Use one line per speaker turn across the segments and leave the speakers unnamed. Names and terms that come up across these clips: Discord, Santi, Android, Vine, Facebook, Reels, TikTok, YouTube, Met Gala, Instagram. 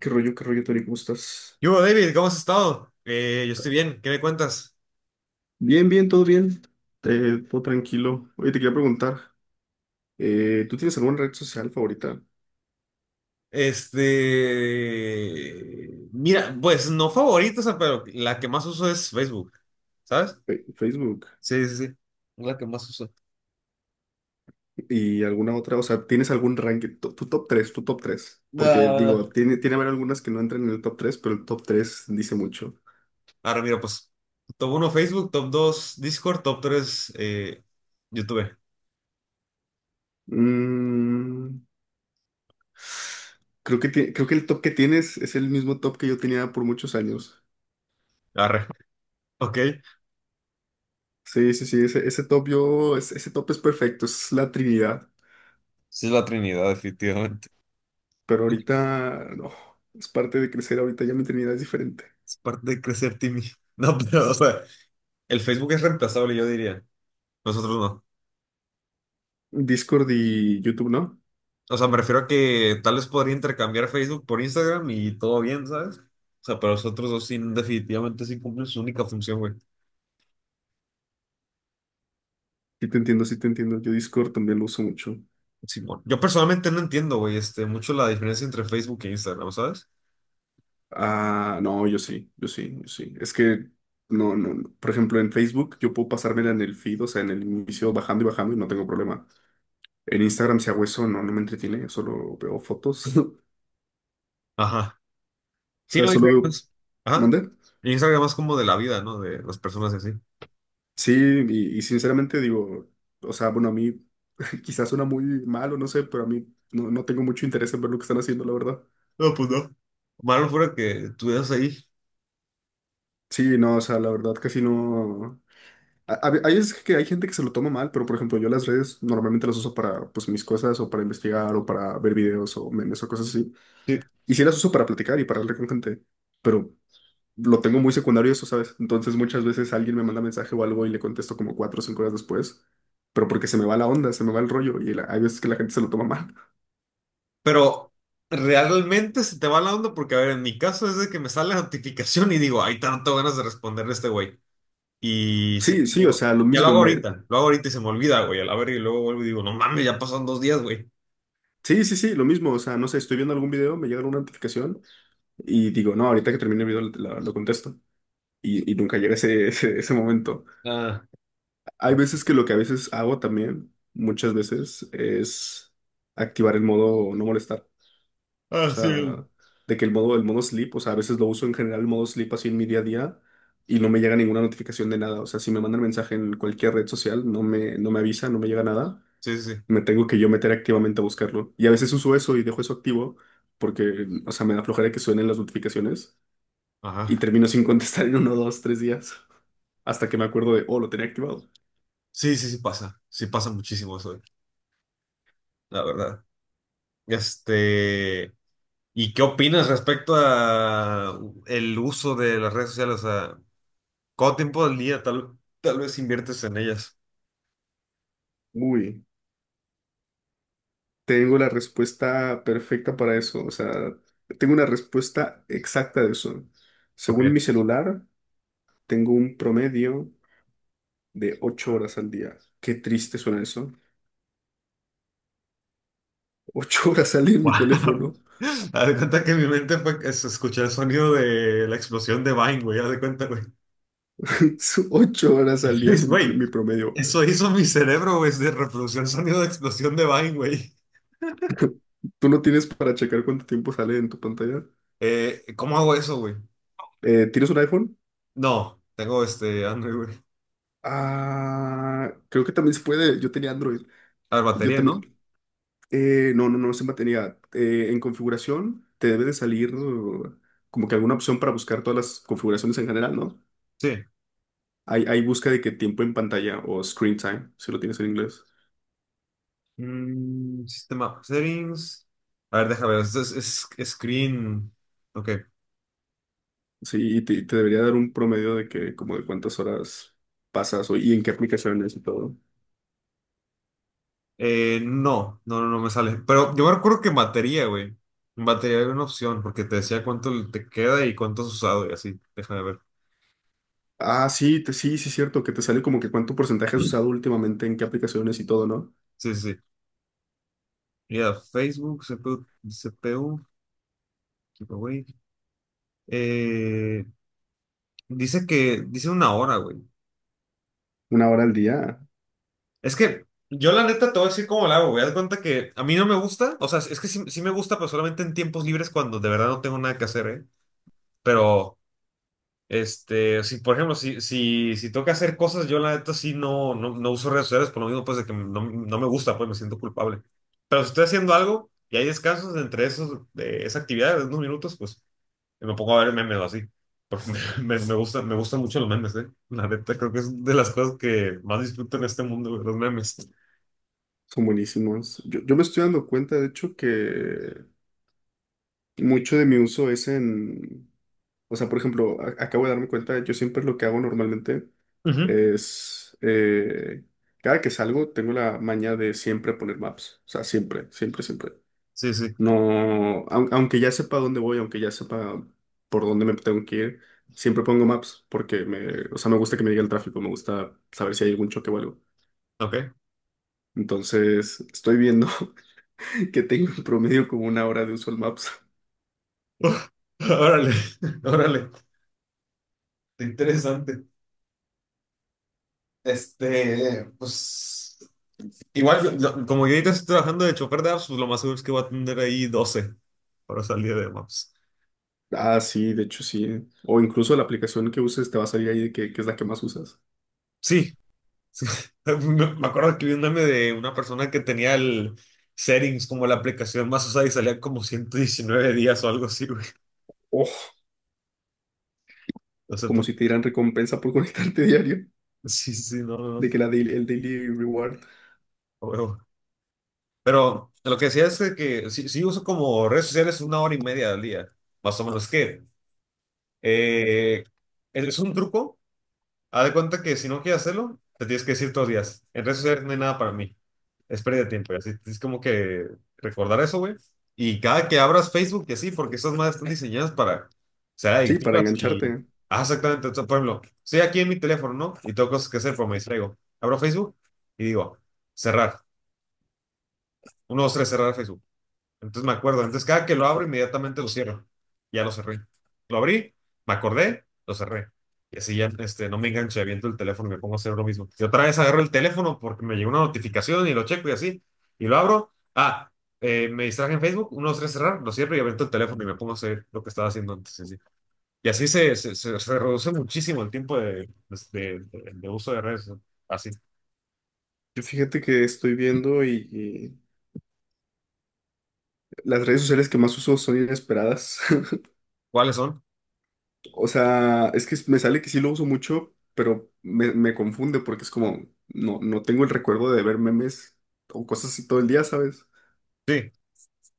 Qué rollo, Tony? ¿Cómo estás?
Yo, David, ¿cómo has estado? Yo estoy bien, ¿qué me cuentas?
Bien, bien, todo bien. Todo tranquilo. Oye, te quería preguntar, ¿tú tienes alguna red social favorita?
Mira, pues no favorita, o sea, pero la que más uso es Facebook, ¿sabes?
Facebook
Sí, sí, sí, la que más uso.
y alguna otra, o sea, ¿tienes algún ranking? Tu top 3, tu top 3. Porque
Ah.
digo, tiene haber algunas que no entran en el top 3, pero el top 3 dice mucho.
Ahora mira, pues, top uno Facebook, top 2 Discord, top 3 YouTube.
Mm, creo que el top que tienes es el mismo top que yo tenía por muchos años.
Arre, ok.
Sí, sí, sí, ese top yo, ese top es perfecto, es la Trinidad.
Sí, es la Trinidad, definitivamente.
Pero ahorita, no, es parte de crecer. Ahorita ya mi eternidad es diferente.
Es parte de crecer, Timmy. No, pero, o sea, el Facebook es reemplazable, yo diría. Nosotros no.
Discord y YouTube, ¿no?
O sea, me refiero a que tal vez podría intercambiar Facebook por Instagram y todo bien, ¿sabes? O sea, pero los otros dos sí, definitivamente sí cumplen su única función, güey.
Sí te entiendo, sí te entiendo. Yo Discord también lo uso mucho.
Simón. Yo personalmente no entiendo, güey, mucho la diferencia entre Facebook e Instagram, ¿sabes?
Ah, no, yo sí, yo sí, yo sí. Es que, no, no, no. Por ejemplo, en Facebook yo puedo pasármela en el feed, o sea, en el inicio bajando y bajando y no tengo problema. En Instagram, si hago eso, no, no me entretiene, solo veo fotos. O
Ajá. Sí,
sea,
no,
solo
Instagram
veo...
es-. Ajá.
¿Mande?
Instagram es como de la vida, ¿no? De las personas y así.
Sí, y sinceramente digo, o sea, bueno, a mí quizás suena muy malo, no sé, pero a mí no, no tengo mucho interés en ver lo que están haciendo, la verdad.
No, pues no. Malo fuera que estuvieras ahí.
Sí, no, o sea, la verdad casi no... Hay, es que hay gente que se lo toma mal, pero por ejemplo yo las redes normalmente las uso para pues mis cosas o para investigar o para ver videos o memes o cosas así.
Sí.
Y sí las uso para platicar y para hablar con gente, pero lo tengo muy secundario eso, ¿sabes? Entonces muchas veces alguien me manda mensaje o algo y le contesto como 4 o 5 horas después, pero porque se me va la onda, se me va el rollo y hay veces que la gente se lo toma mal.
Pero realmente se te va la onda porque, a ver, en mi caso es de que me sale la notificación y digo, ay, tanto ganas de responderle a este güey.
Sí, sí, o
Digo,
sea, lo
ya
mismo me...
lo hago ahorita y se me olvida, güey, a la verga, y luego vuelvo y digo, no mames, ya pasaron dos días, güey.
Sí, sí, sí, lo mismo, o sea, no sé, estoy viendo algún video, me llega una notificación y digo, no, ahorita que termine el video lo contesto y nunca llega ese momento.
Ah,
Hay
no.
veces que lo que a veces hago también, muchas veces, es activar el modo no molestar. O
Ah, sí.
sea, de que el modo sleep, o sea, a veces lo uso en general el modo sleep así en mi día a día y no me llega ninguna notificación de nada. O sea, si me mandan mensaje en cualquier red social, no me avisa, no me llega nada.
Sí, sí, sí.
Me tengo que yo meter activamente a buscarlo. Y a veces uso eso y dejo eso activo porque, o sea, me da flojera que suenen las notificaciones y
Ajá.
termino sin contestar en uno, dos, tres días hasta que me acuerdo de, oh, lo tenía activado.
Sí, sí, sí pasa. Sí pasa muchísimo eso, güey, la verdad. Este, ¿Y qué opinas respecto a el uso de las redes sociales? O sea, ¿cuánto tiempo del día tal vez inviertes en ellas?
Uy, tengo la respuesta perfecta para eso. O sea, tengo una respuesta exacta de eso.
Ok.
Según mi celular, tengo un promedio de 8 horas al día. Qué triste suena eso. Ocho horas al día en mi
Wow.
teléfono.
Haz de cuenta que en mi mente fue que se escuchó el sonido de la explosión de Vine, güey. Haz de cuenta, güey.
ocho horas al día es
Luis, güey,
mi promedio.
eso hizo mi cerebro, güey, se reprodució el sonido de explosión de Vine, güey.
¿Tú no tienes para checar cuánto tiempo sale en tu pantalla?
¿Cómo hago eso, güey?
¿Tienes un iPhone?
No, tengo este Android, güey.
Ah, creo que también se puede. Yo tenía Android.
A ver,
Yo
batería, ¿no?
también. No, no, no se mantenía. En configuración te debe de salir, como que alguna opción para buscar todas las configuraciones en general, ¿no?
Sí.
Hay busca de que tiempo en pantalla o screen time, si lo tienes en inglés.
Mm, sistema settings. A ver, déjame ver, es screen. Ok.
Sí, y te debería dar un promedio de que como de cuántas horas pasas y en qué aplicaciones y todo.
No me sale. Pero yo me acuerdo que en batería, güey. En batería había una opción, porque te decía cuánto te queda y cuánto has usado y así. Déjame ver.
Ah, sí, sí, sí, es cierto, que te sale como que cuánto porcentaje has usado últimamente en qué aplicaciones y todo, ¿no?
Sí, sí, sí. Mira, Facebook, CPU, CPU, Eh, dice 1 hora, güey.
1 hora al día,
Es que yo la neta te voy a decir cómo la hago, güey. Haz de cuenta que a mí no me gusta, o sea, es que sí, sí me gusta, pero solamente en tiempos libres cuando de verdad no tengo nada que hacer, ¿eh? Pero, si, por ejemplo, si, si, si tengo que hacer cosas, yo la neta sí no uso redes sociales por lo mismo, pues, de que no, no me gusta, pues me siento culpable. Pero si estoy haciendo algo y hay descansos entre esos, de esa actividad de unos minutos, pues y me pongo a ver memes o así. Porque me gustan mucho los memes, ¿eh? La neta, creo que es de las cosas que más disfruto en este mundo, güey, los memes.
son buenísimos. Yo me estoy dando cuenta, de hecho, que mucho de mi uso es en, o sea, por ejemplo, acabo de darme cuenta, yo siempre lo que hago normalmente
Ujú.
es, cada que salgo, tengo la maña de siempre poner maps, o sea, siempre, siempre, siempre.
Sí, sí,
No, aunque ya sepa dónde voy, aunque ya sepa por dónde me tengo que ir, siempre pongo maps porque me, o sea, me gusta que me diga el tráfico, me gusta saber si hay algún choque o algo.
ok.
Entonces, estoy viendo que tengo en promedio como 1 hora de uso al maps.
Órale, órale, interesante. Pues, igual, como yo ahorita estoy trabajando de chofer de apps, pues lo más seguro es que voy a tener ahí 12 para salir de maps.
Ah, sí, de hecho sí. O incluso la aplicación que uses te va a salir ahí de que es la que más usas.
Sí, Me me acuerdo que vi un meme de una persona que tenía el settings como la aplicación más usada y salían como 119 días o algo así, güey.
Oh,
No sé
como
por
si te
qué.
dieran recompensa por conectarte diario,
Sí, sí, sí, no, no, no,
de que el daily reward.
a huevo. Pero lo que decía es de que sí, sí uso como redes sociales 1 hora y media al día, más o menos. Que eh, es un truco. Haz de cuenta que si no quieres hacerlo, te tienes que decir todos los días. En redes sociales no hay nada para mí. Es pérdida de tiempo. Y así es como que recordar eso, güey. Y cada que abras Facebook, que sí, porque esas madres están diseñadas para ser
Sí, para
adictivas y.
engancharte.
Ah, exactamente. Entonces, por ejemplo, estoy aquí en mi teléfono, ¿no? Y tengo cosas que hacer, pero me distraigo. Abro Facebook y digo, cerrar. Uno, dos, tres, cerrar Facebook. Entonces me acuerdo. Entonces cada que lo abro, inmediatamente lo cierro. Ya lo cerré. Lo abrí, me acordé, lo cerré. Y así ya no me enganché, aviento el teléfono y me pongo a hacer lo mismo. Y otra vez agarro el teléfono porque me llegó una notificación y lo checo y así. Y lo abro. Me distraje en Facebook, uno, dos, tres, cerrar, lo cierro y aviento el teléfono y me pongo a hacer lo que estaba haciendo antes. Y así, y así se reduce muchísimo el tiempo de uso de redes. ¿No? Así.
Yo fíjate que estoy viendo y, las redes sociales que más uso son inesperadas.
¿Cuáles son?
O sea, es que me sale que sí lo uso mucho, pero me confunde porque es como, no, no tengo el recuerdo de ver memes o cosas así todo el día, ¿sabes?
Sí,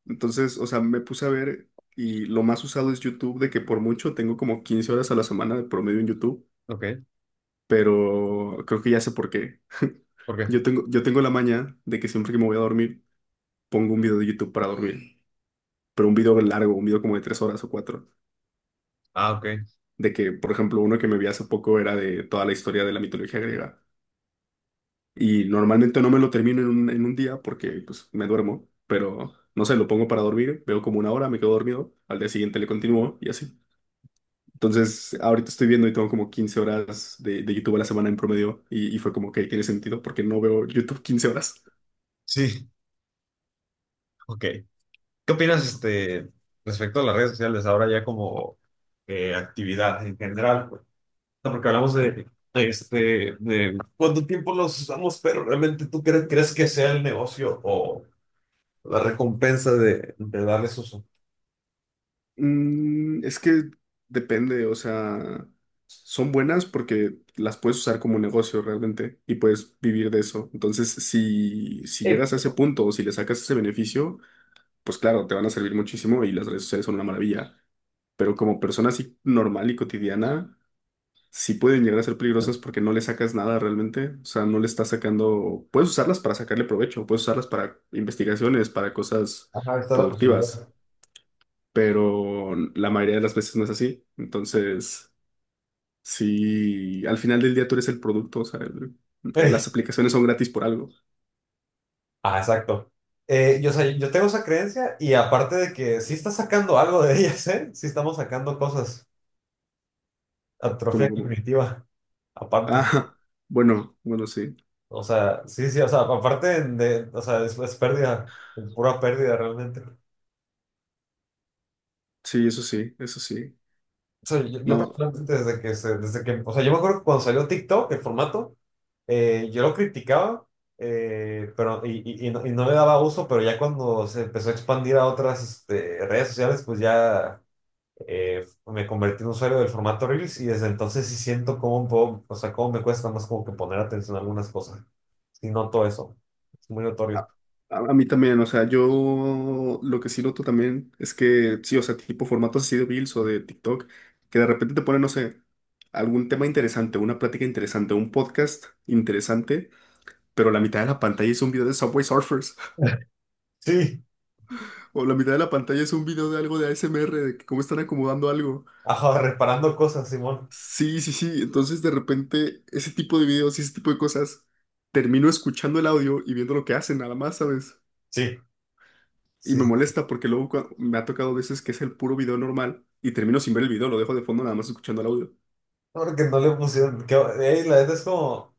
Entonces, o sea, me puse a ver y lo más usado es YouTube, de que por mucho tengo como 15 horas a la semana de promedio en YouTube,
ok.
pero creo que ya sé por qué.
¿Por qué?
Yo tengo la maña de que siempre que me voy a dormir, pongo un video de YouTube para dormir, pero un video largo, un video como de 3 horas o 4.
Ah, ok.
De que, por ejemplo, uno que me vi hace poco era de toda la historia de la mitología griega. Y normalmente no me lo termino en un día porque pues me duermo, pero no sé, lo pongo para dormir, veo como 1 hora, me quedo dormido, al día siguiente le continúo y así. Entonces, ahorita estoy viendo y tengo como 15 horas de YouTube a la semana en promedio y fue como que "Ok, tiene sentido porque no veo YouTube 15 horas".
Sí, ok. ¿Qué opinas, respecto a las redes sociales ahora ya como actividad en general, pues? O sea, porque hablamos de cuánto tiempo los usamos, pero realmente crees que sea el negocio o la recompensa de darles uso.
Es que depende, o sea, son buenas porque las puedes usar como negocio realmente y puedes vivir de eso. Entonces, si llegas a ese
Pero,
punto o si le sacas ese beneficio, pues claro, te van a servir muchísimo y las redes sociales son una maravilla. Pero como persona así normal y cotidiana, sí pueden llegar a ser peligrosas porque no le sacas nada realmente. O sea, no le estás sacando... Puedes usarlas para sacarle provecho, puedes usarlas para investigaciones, para cosas
ajá, está la posibilidad.
productivas, pero la mayoría de las veces no es así. Entonces, si al final del día tú eres el producto, o sea, las
Ey,
aplicaciones son gratis por algo,
ah, exacto. Yo tengo esa creencia y aparte de que sí está sacando algo de ellas, ¿eh? Sí estamos sacando cosas.
como,
Atrofia
como,
cognitiva, aparte.
ah, bueno, bueno, sí,
O sea, sí, sí, o sea, aparte de, o sea, es pérdida, pura pérdida realmente. O
sí, eso sí, eso sí.
sea, yo
No,
personalmente desde que, o sea, yo me acuerdo que cuando salió TikTok, el formato, yo lo criticaba, pero, no, y no le daba uso, pero ya cuando se empezó a expandir a otras redes sociales, pues ya me convertí en usuario del formato Reels y desde entonces sí siento cómo puedo, o sea, cómo me cuesta más como que poner atención a algunas cosas. Sí noto eso, es muy notorio.
a, a mí también, o sea, yo lo que sí noto también es que, sí, o sea, tipo formatos así de Reels o de TikTok, que de repente te ponen, no sé, algún tema interesante, una plática interesante, un podcast interesante, pero la mitad de la pantalla es un video de Subway Surfers.
Sí.
O la mitad de la pantalla es un video de algo de ASMR, de que cómo están acomodando algo.
Ajá, reparando cosas, Simón.
Sí, sí, sí. Entonces, de repente, ese tipo de videos y ese tipo de cosas, termino escuchando el audio y viendo lo que hacen, nada más, ¿sabes?
Sí,
Y
sí.
me molesta porque luego me ha tocado veces que es el puro video normal y termino sin ver el video, lo dejo de fondo nada más escuchando el audio.
Porque no le pusieron. Que, ey, la neta es como.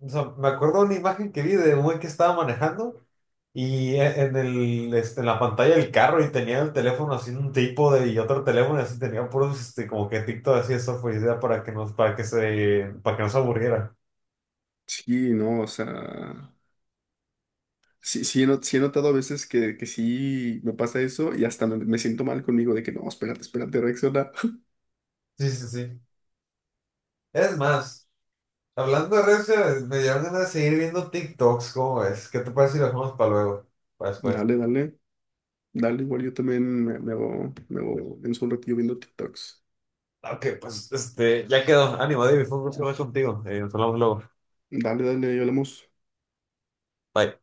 O sea, me acuerdo una imagen que vi de un güey que estaba manejando y en el, en la pantalla del carro y tenía el teléfono así en un trípode y otro teléfono y así tenía puros como que TikTok así eso fue idea para que no se aburriera.
Sí, no, o sea. Sí, sí, he, not- sí he notado a veces que sí me pasa eso y hasta me siento mal conmigo de que no, espérate, espérate, reacciona.
Sí, sí, sí. Es más, hablando de redes sociales, me dieron ganas de seguir viendo TikToks, ¿cómo ves? ¿Qué te parece si lo dejamos para luego? Para después.
Dale, dale. Dale, igual yo también me hago en un ratillo viendo TikToks.
Ok, pues ya quedó. Ánimo, David, fue un gusto hablar contigo. Nos hablamos luego.
Dale, dale, ahí hablamos.
Bye.